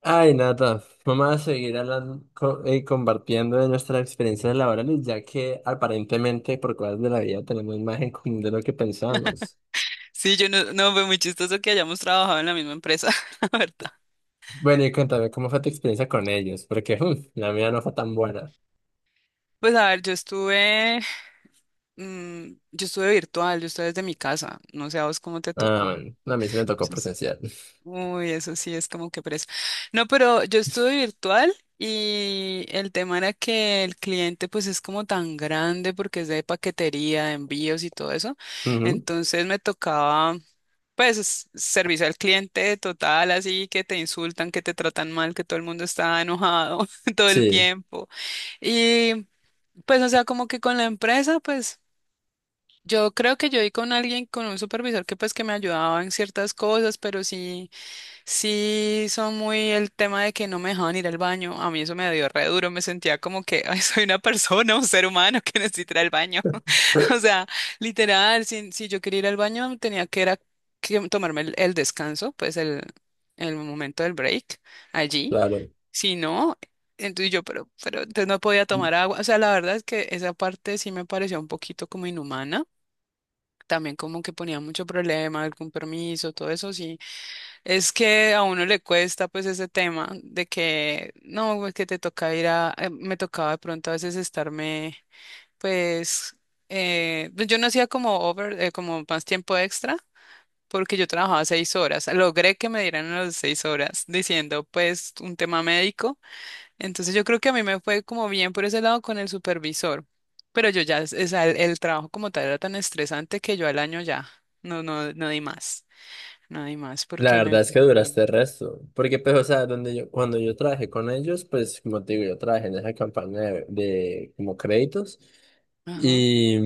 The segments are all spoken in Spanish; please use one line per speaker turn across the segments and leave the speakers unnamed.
Ay, Nata, vamos a seguir hablando, compartiendo de nuestras experiencias laborales, ya que aparentemente por cosas de la vida tenemos más en común de lo que pensamos.
Sí, yo no, fue muy chistoso que hayamos trabajado en la misma empresa, la verdad.
Bueno, y cuéntame cómo fue tu experiencia con ellos, porque la mía no fue tan buena.
Pues a ver, mm, yo estuve virtual, yo estuve desde mi casa, no sé a vos cómo te
Ah,
tocó.
bueno, a mí sí me tocó presencial.
Uy, eso sí es como que preso. No, pero yo estuve virtual y el tema era que el cliente pues es como tan grande porque es de paquetería, de envíos y todo eso.
Ujú.
Entonces me tocaba pues servicio al cliente total, así que te insultan, que te tratan mal, que todo el mundo está enojado todo el
Sí.
tiempo. Y pues o sea, como que con la empresa pues... Yo creo que yo di con alguien, con un supervisor que pues que me ayudaba en ciertas cosas, pero sí. Sí, son muy el tema de que no me dejaban ir al baño. A mí eso me dio re duro. Me sentía como que "Ay, soy una persona, un ser humano que necesita ir al baño". O sea, literal, si yo quería ir al baño, tenía que, era, que tomarme el, descanso, pues el momento del break allí.
Claro.
Si no, entonces yo, pero entonces no podía tomar agua. O sea, la verdad es que esa parte sí me pareció un poquito como inhumana. También como que ponía mucho problema, el compromiso, todo eso, sí, es que a uno le cuesta pues ese tema de que no, es que te toca ir a, me tocaba de pronto a veces estarme pues, pues yo no hacía como over, como más tiempo extra porque yo trabajaba 6 horas. Logré que me dieran las 6 horas diciendo pues un tema médico. Entonces yo creo que a mí me fue como bien por ese lado con el supervisor, pero yo ya, el trabajo como tal era tan estresante que yo al año ya, no di más, no di más
La
porque me...
verdad es que duraste el resto, porque pues, o sea, donde yo, cuando yo trabajé con ellos, pues, como te digo, yo trabajé en esa campaña de como créditos.
Ajá.
y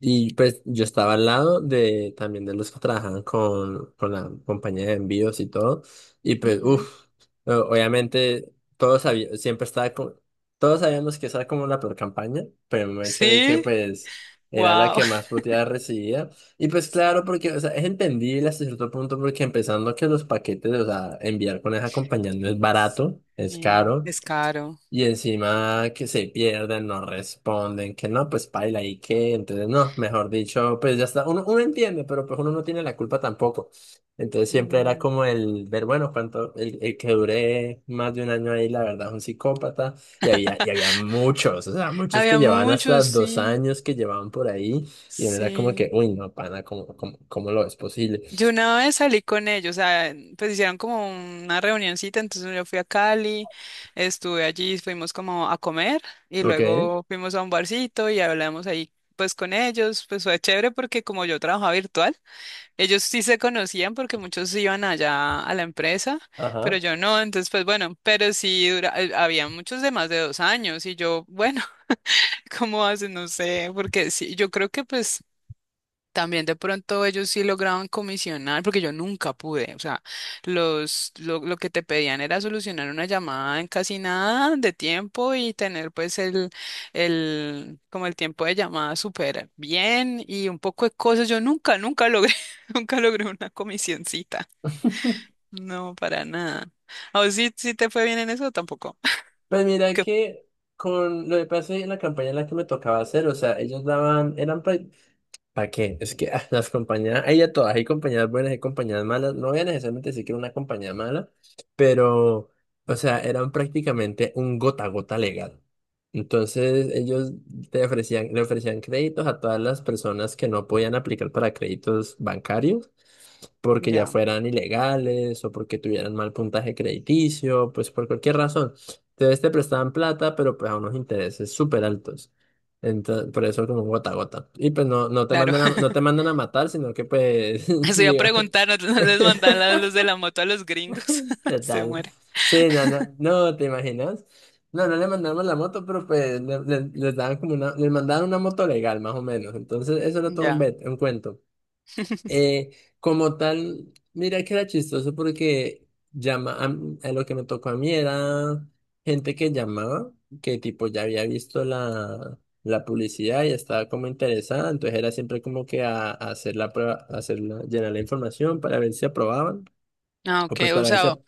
Y pues yo estaba al lado de también de los que trabajaban con la compañía de envíos y todo. Y pues,
Ujú.
uff, obviamente todos sabíamos, siempre estaba como, todos sabíamos que esa era como la peor campaña, pero el hecho de que
Sí,
pues era la
wow.
que más puteadas recibía. Y pues claro,
Sí.
porque, o sea, es entendible hasta cierto punto porque empezando que los paquetes, o sea, enviar con esa compañía no es barato, es
Sí,
caro.
es caro.
Y encima que se pierden, no responden, que no, pues paila y que, entonces no, mejor dicho, pues ya está, uno, uno entiende, pero pues uno no tiene la culpa tampoco. Entonces siempre era
No.
como el ver, bueno, cuánto, el que duré más de un año ahí, la verdad, es un psicópata, y había muchos, o sea, muchos que
Había
llevaban hasta
muchos,
dos
sí,
años que llevaban por ahí, y uno era como que,
sí.
uy, no, pana, ¿cómo lo es posible?
Yo una vez salí con ellos, o sea, pues hicieron como una reunioncita, entonces yo fui a Cali, estuve allí, fuimos como a comer y
¿Ok?
luego fuimos a un barcito y hablamos ahí pues con ellos, pues fue chévere porque como yo trabajaba virtual. Ellos sí se conocían porque muchos iban allá a la empresa, pero
Ajá.
yo no, entonces pues bueno, pero sí dura, había muchos de más de 2 años y yo, bueno. ¿Cómo hacen? No sé, porque sí, yo creo que pues también de pronto ellos sí lograban comisionar, porque yo nunca pude, o sea, lo que te pedían era solucionar una llamada en casi nada de tiempo y tener pues el, como el tiempo de llamada súper bien y un poco de cosas. Yo nunca, nunca logré, nunca logré una comisioncita. No, para nada. ¿O vos sí te fue bien en eso? Tampoco.
Pues mira
Que-
que con lo que pasé en la campaña en la que me tocaba hacer, o sea, ellos daban, ¿Para qué? Es que ah, las compañías, hay de todas, hay compañías buenas, hay compañías malas. No voy a necesariamente decir que era una compañía mala, pero, o sea, eran prácticamente un gota a gota legal. Entonces, ellos le ofrecían créditos a todas las personas que no podían aplicar para créditos bancarios, porque ya
Ya,
fueran ilegales o porque tuvieran mal puntaje crediticio, pues por cualquier razón. Entonces, te prestaban plata, pero pues a unos intereses súper altos. Entonces, por eso como gota a gota. Y pues no, no te
claro.
mandan a, no te mandan a matar, sino que pues,
Eso iba a
diga,
preguntar, no, no les mandan la luz de la moto a los gringos. Se
total.
muere.
Sí, no, no, no, ¿te imaginas? No, no le mandamos la moto, pero pues les daban como una, les mandaban una moto legal, más o menos. Entonces, eso era todo un,
Ya.
un cuento. Eh, como tal, mira que era chistoso porque a lo que me tocó a mí era gente que llamaba, que tipo ya había visto la publicidad y estaba como interesada, entonces era siempre como que a hacer la prueba, a hacer llenar la información para ver si aprobaban
Ah,
o
ok,
pues
o
para ver si,
sea,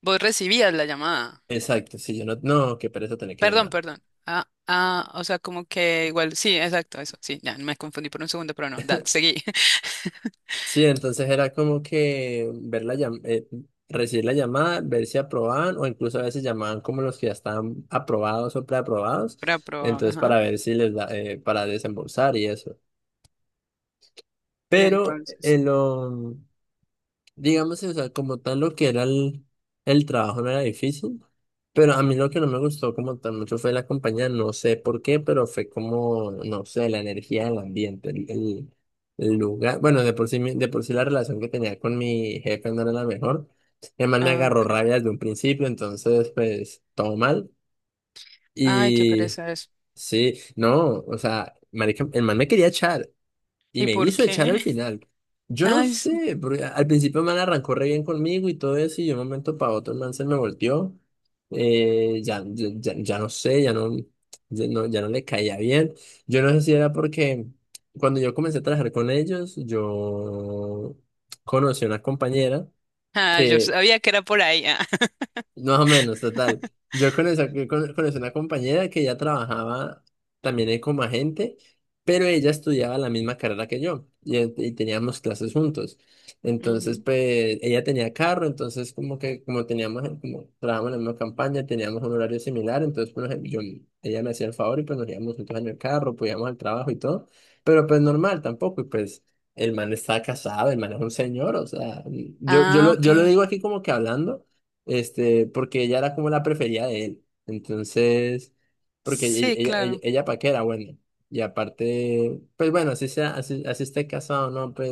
vos recibías la llamada.
exacto, si yo no, no, qué pereza tener que
Perdón,
llamar.
perdón. Ah, ah, o sea, como que igual, sí, exacto, eso, sí, ya me confundí por un segundo, pero no, da, seguí.
Sí, entonces era como que ver recibir la llamada, ver si aprobaban o incluso a veces llamaban como los que ya estaban aprobados o preaprobados,
Para probar,
entonces
ajá.
para ver si les da, para desembolsar y eso.
Y
Pero
entonces,
en lo Digamos, sí, o sea, como tal lo que era el trabajo no era difícil, pero a mí lo que no me gustó como tal mucho fue la compañía, no sé por qué, pero fue como, no sé, la energía del ambiente, el lugar, bueno, de por sí, de por sí la relación que tenía con mi jefe no era la mejor, además me
ah,
agarró
ok.
rabia desde un principio, entonces pues todo mal,
Ay, qué
y
pereza eso.
sí, no, o sea, marica, el man me quería echar, y
¿Y
me
por
hizo echar
qué?
al final. Yo no
Ay, sí.
sé, porque al principio el man arrancó re bien conmigo y todo eso, y de un momento para otro el man se me volteó. Ya no sé, ya no, ya no le caía bien. Yo no sé si era porque cuando yo comencé a trabajar con ellos, yo conocí a una compañera.
Ah, yo
Que
sabía que era por ahí. Ah.
más o menos, total. Yo conocí, conocí una compañera que ya trabajaba también ahí como agente, pero ella estudiaba la misma carrera que yo y teníamos clases juntos. Entonces,
Ujú.
pues ella tenía carro, entonces como que como teníamos, como trabajamos en la misma campaña, teníamos un horario similar, entonces pues, yo, ella me hacía el favor y pues nos íbamos juntos en el carro, pues íbamos al trabajo y todo, pero pues normal tampoco, y pues... El man está casado, el man es un señor, o sea,
Ah,
yo lo
ok.
digo aquí como que hablando, este, porque ella era como la preferida de él. Entonces, porque
Sí, claro.
ella pa' qué era bueno. Y aparte, pues bueno, así sea, así esté casado, ¿no? Pues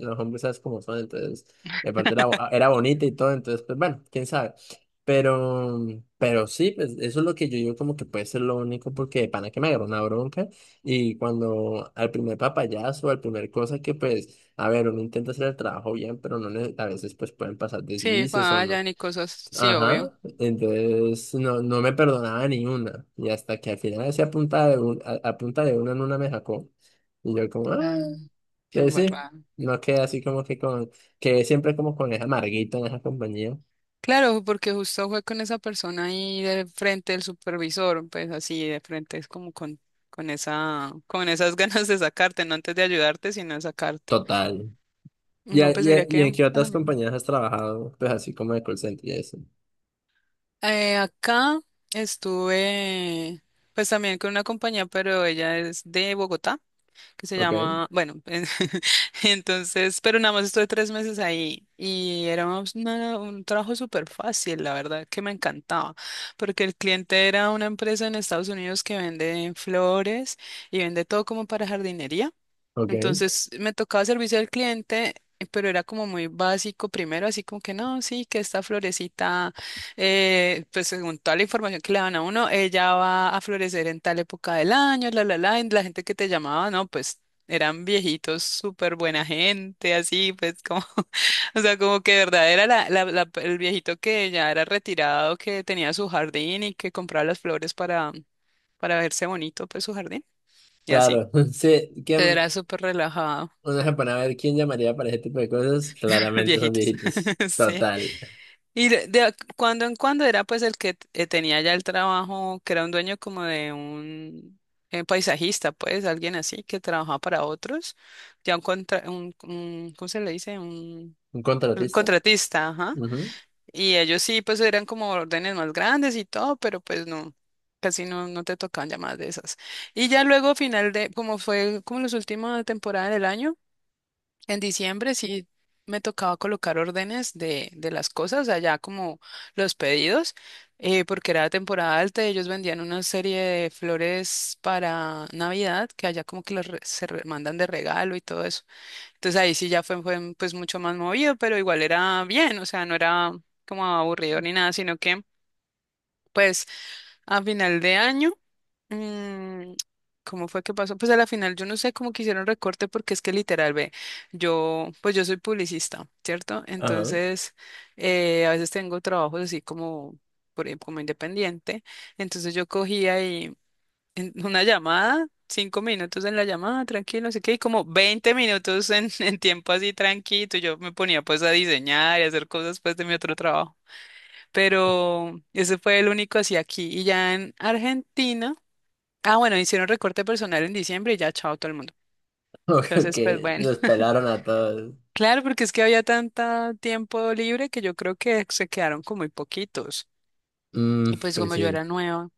los hombres sabes cómo son, entonces, y aparte era, era bonita y todo, entonces, pues bueno, quién sabe. Pero, pero sí, pues eso es lo que yo digo como que puede ser lo único, porque de pana que me agarró una bronca y cuando al primer papayazo, al primer cosa que pues, a ver, uno intenta hacer el trabajo bien, pero no, a veces pues pueden pasar
Sí,
deslices o no.
fallan y cosas, sí, obvio.
Ajá, entonces no, no me perdonaba ni una. Y hasta que al final hacía punta de, un- a punta de una en una me sacó. Y yo como, ah,
Ah, qué
entonces sí,
embarrada.
no quedé así como que con, quedé siempre como con esa amarguita en esa compañía.
Claro, porque justo fue con esa persona ahí de frente del supervisor, pues así de frente es como con esas ganas de sacarte, no antes de ayudarte, sino de sacarte.
Total. ¿Y,
No, pues mira que
y en qué
a
otras
mí-
compañías has trabajado? Pues así como de call center y eso.
acá estuve pues también con una compañía, pero ella es de Bogotá. Que se
Ok,
llama, bueno, entonces, pero nada más estuve 3 meses ahí y era un trabajo súper fácil, la verdad, que me encantaba, porque el cliente era una empresa en Estados Unidos que vende flores y vende todo como para jardinería.
ok.
Entonces me tocaba servicio al cliente, pero era como muy básico primero, así como que no, sí, que esta florecita, pues según toda la información que le dan a uno, ella va a florecer en tal época del año, la, y la gente que te llamaba, no, pues eran viejitos, súper buena gente, así, pues como, o sea, como que de verdad era el viejito que ya era retirado, que tenía su jardín y que compraba las flores para verse bonito, pues su jardín, y así.
Claro, sí,
Entonces,
¿quién,
era súper relajado.
uno se pone a ver quién llamaría para ese tipo de cosas? Claramente son
Viejitos.
viejitos.
Sí.
Total.
Y de cuando en cuando era pues el que tenía ya el trabajo, que era un dueño como de un paisajista, pues alguien así que trabajaba para otros, ya un, contra, un- ¿cómo se le dice? Un
¿Un contratista?
contratista, ajá.
Ujú.
Y ellos sí, pues eran como órdenes más grandes y todo, pero pues no, casi no te tocaban llamadas de esas. Y ya luego final de, como fue como las últimas temporadas del año. En diciembre sí me tocaba colocar órdenes de las cosas, allá como los pedidos, porque era temporada alta, y ellos vendían una serie de flores para Navidad, que allá como que se mandan de regalo y todo eso. Entonces ahí sí ya fue, pues mucho más movido, pero igual era bien, o sea, no era como aburrido ni nada, sino que... Pues a final de año. mm, ¿Cómo fue que pasó? Pues a la final yo no sé cómo que hicieron recorte porque es que literal, ve, yo, pues yo soy publicista, ¿cierto?
Ajá.
Entonces, a veces tengo trabajos así como, por ejemplo, como independiente. Entonces yo cogía y en una llamada, 5 minutos en la llamada, tranquilo, no sé qué, y como 20 minutos en, en tiempo así tranquilo. Yo me ponía pues a diseñar y a hacer cosas pues de mi otro trabajo, pero ese fue el único así aquí. Y ya en Argentina, ah, bueno, hicieron recorte personal en diciembre y ya chao todo el mundo.
Ok,
Entonces, pues
que
bueno,
los pelaron a todos.
claro, porque es que había tanto tiempo libre que yo creo que se quedaron con muy poquitos.
Mm,
Y pues
pues
como yo
sí.
era nueva.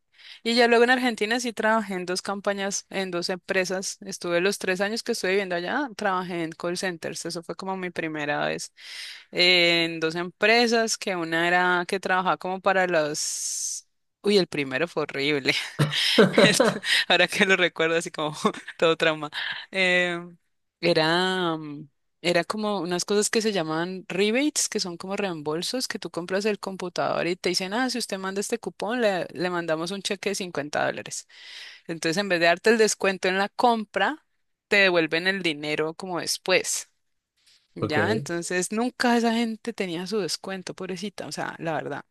Y ya luego en Argentina sí trabajé en 2 campañas, en 2 empresas. Estuve los 3 años que estuve viviendo allá, trabajé en call centers. Eso fue como mi primera vez. En 2 empresas, que una era que trabajaba como para los... Uy, el primero fue horrible. Esto- Ahora que lo recuerdo así como todo trauma. Eh, era, mm, era como unas cosas que se llaman rebates, que son como reembolsos, que tú compras el computador y te dicen, ah, si usted manda este cupón, le mandamos un cheque de $50. Entonces, en vez de darte el descuento en la compra, te devuelven el dinero como después. Ya,
Ok.
entonces nunca esa gente tenía su descuento, pobrecita, o sea, la verdad.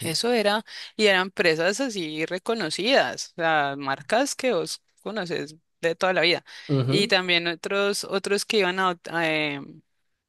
Eso era, y eran empresas así reconocidas, o sea, marcas que vos conoces de toda la vida. Y
Ujú.
también otros que iban a,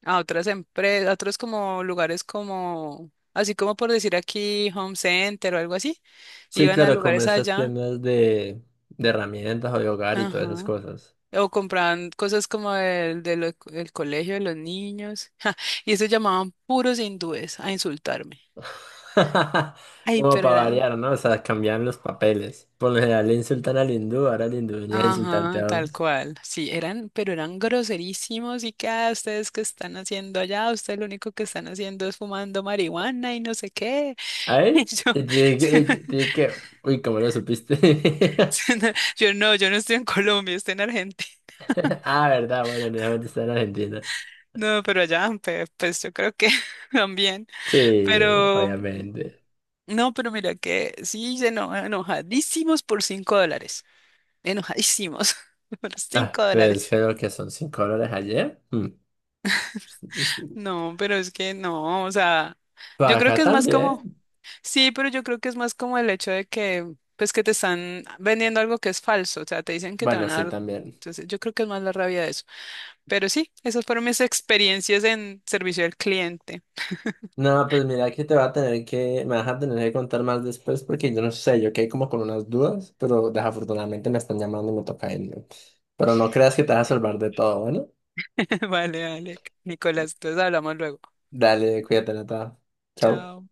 a otras empresas, a otros como lugares como, así como por decir aquí, Home Center o algo así,
Sí,
iban a
claro, como
lugares
esas
allá.
tiendas de herramientas o de hogar y todas esas
Ajá.
cosas.
O compraban cosas como el del del co- el colegio de los niños. Y eso llamaban puros hindúes a insultarme. Ay,
Como
pero
para
eran.
variar, ¿no? O sea, cambian los papeles. Por lo general le insultan al hindú, ahora el hindú venía a insultarte
Ajá,
a
tal
vos.
cual. Sí, eran, pero eran groserísimos y que "Ah, ustedes que están haciendo allá, ustedes lo único que están haciendo es fumando marihuana y no sé qué". Y
¿Ay?
yo,
Te dije que... Uy, ¿cómo lo supiste?
yo no estoy en Colombia, estoy en Argentina.
Ah, verdad, bueno, obviamente está en Argentina.
No, pero allá, pues yo creo que también.
Sí,
Pero
obviamente.
No, pero mira que sí, se enojadísimos por $5. Enojadísimos por
Ah,
$5.
pues creo que son $5 ayer. Mm. Es- es-
No, pero es que no, o sea,
Para
yo creo
acá
que es más como,
también.
sí, pero yo creo que es más como el hecho de que, pues que te están vendiendo algo que es falso, o sea, te dicen que te
Bueno,
van a
sí,
dar,
también.
entonces yo creo que es más la rabia de eso. Pero sí, esas fueron mis experiencias en servicio al cliente.
No, pues mira que te va a tener que, me vas a tener que contar más después porque yo no sé, yo quedé como con unas dudas, pero desafortunadamente me están llamando y me toca irme. Pero no creas que te vas a salvar de todo, bueno.
Vale, vale, Nicolás, entonces hablamos luego.
Dale, cuídate, Nata. Chao.
Chao.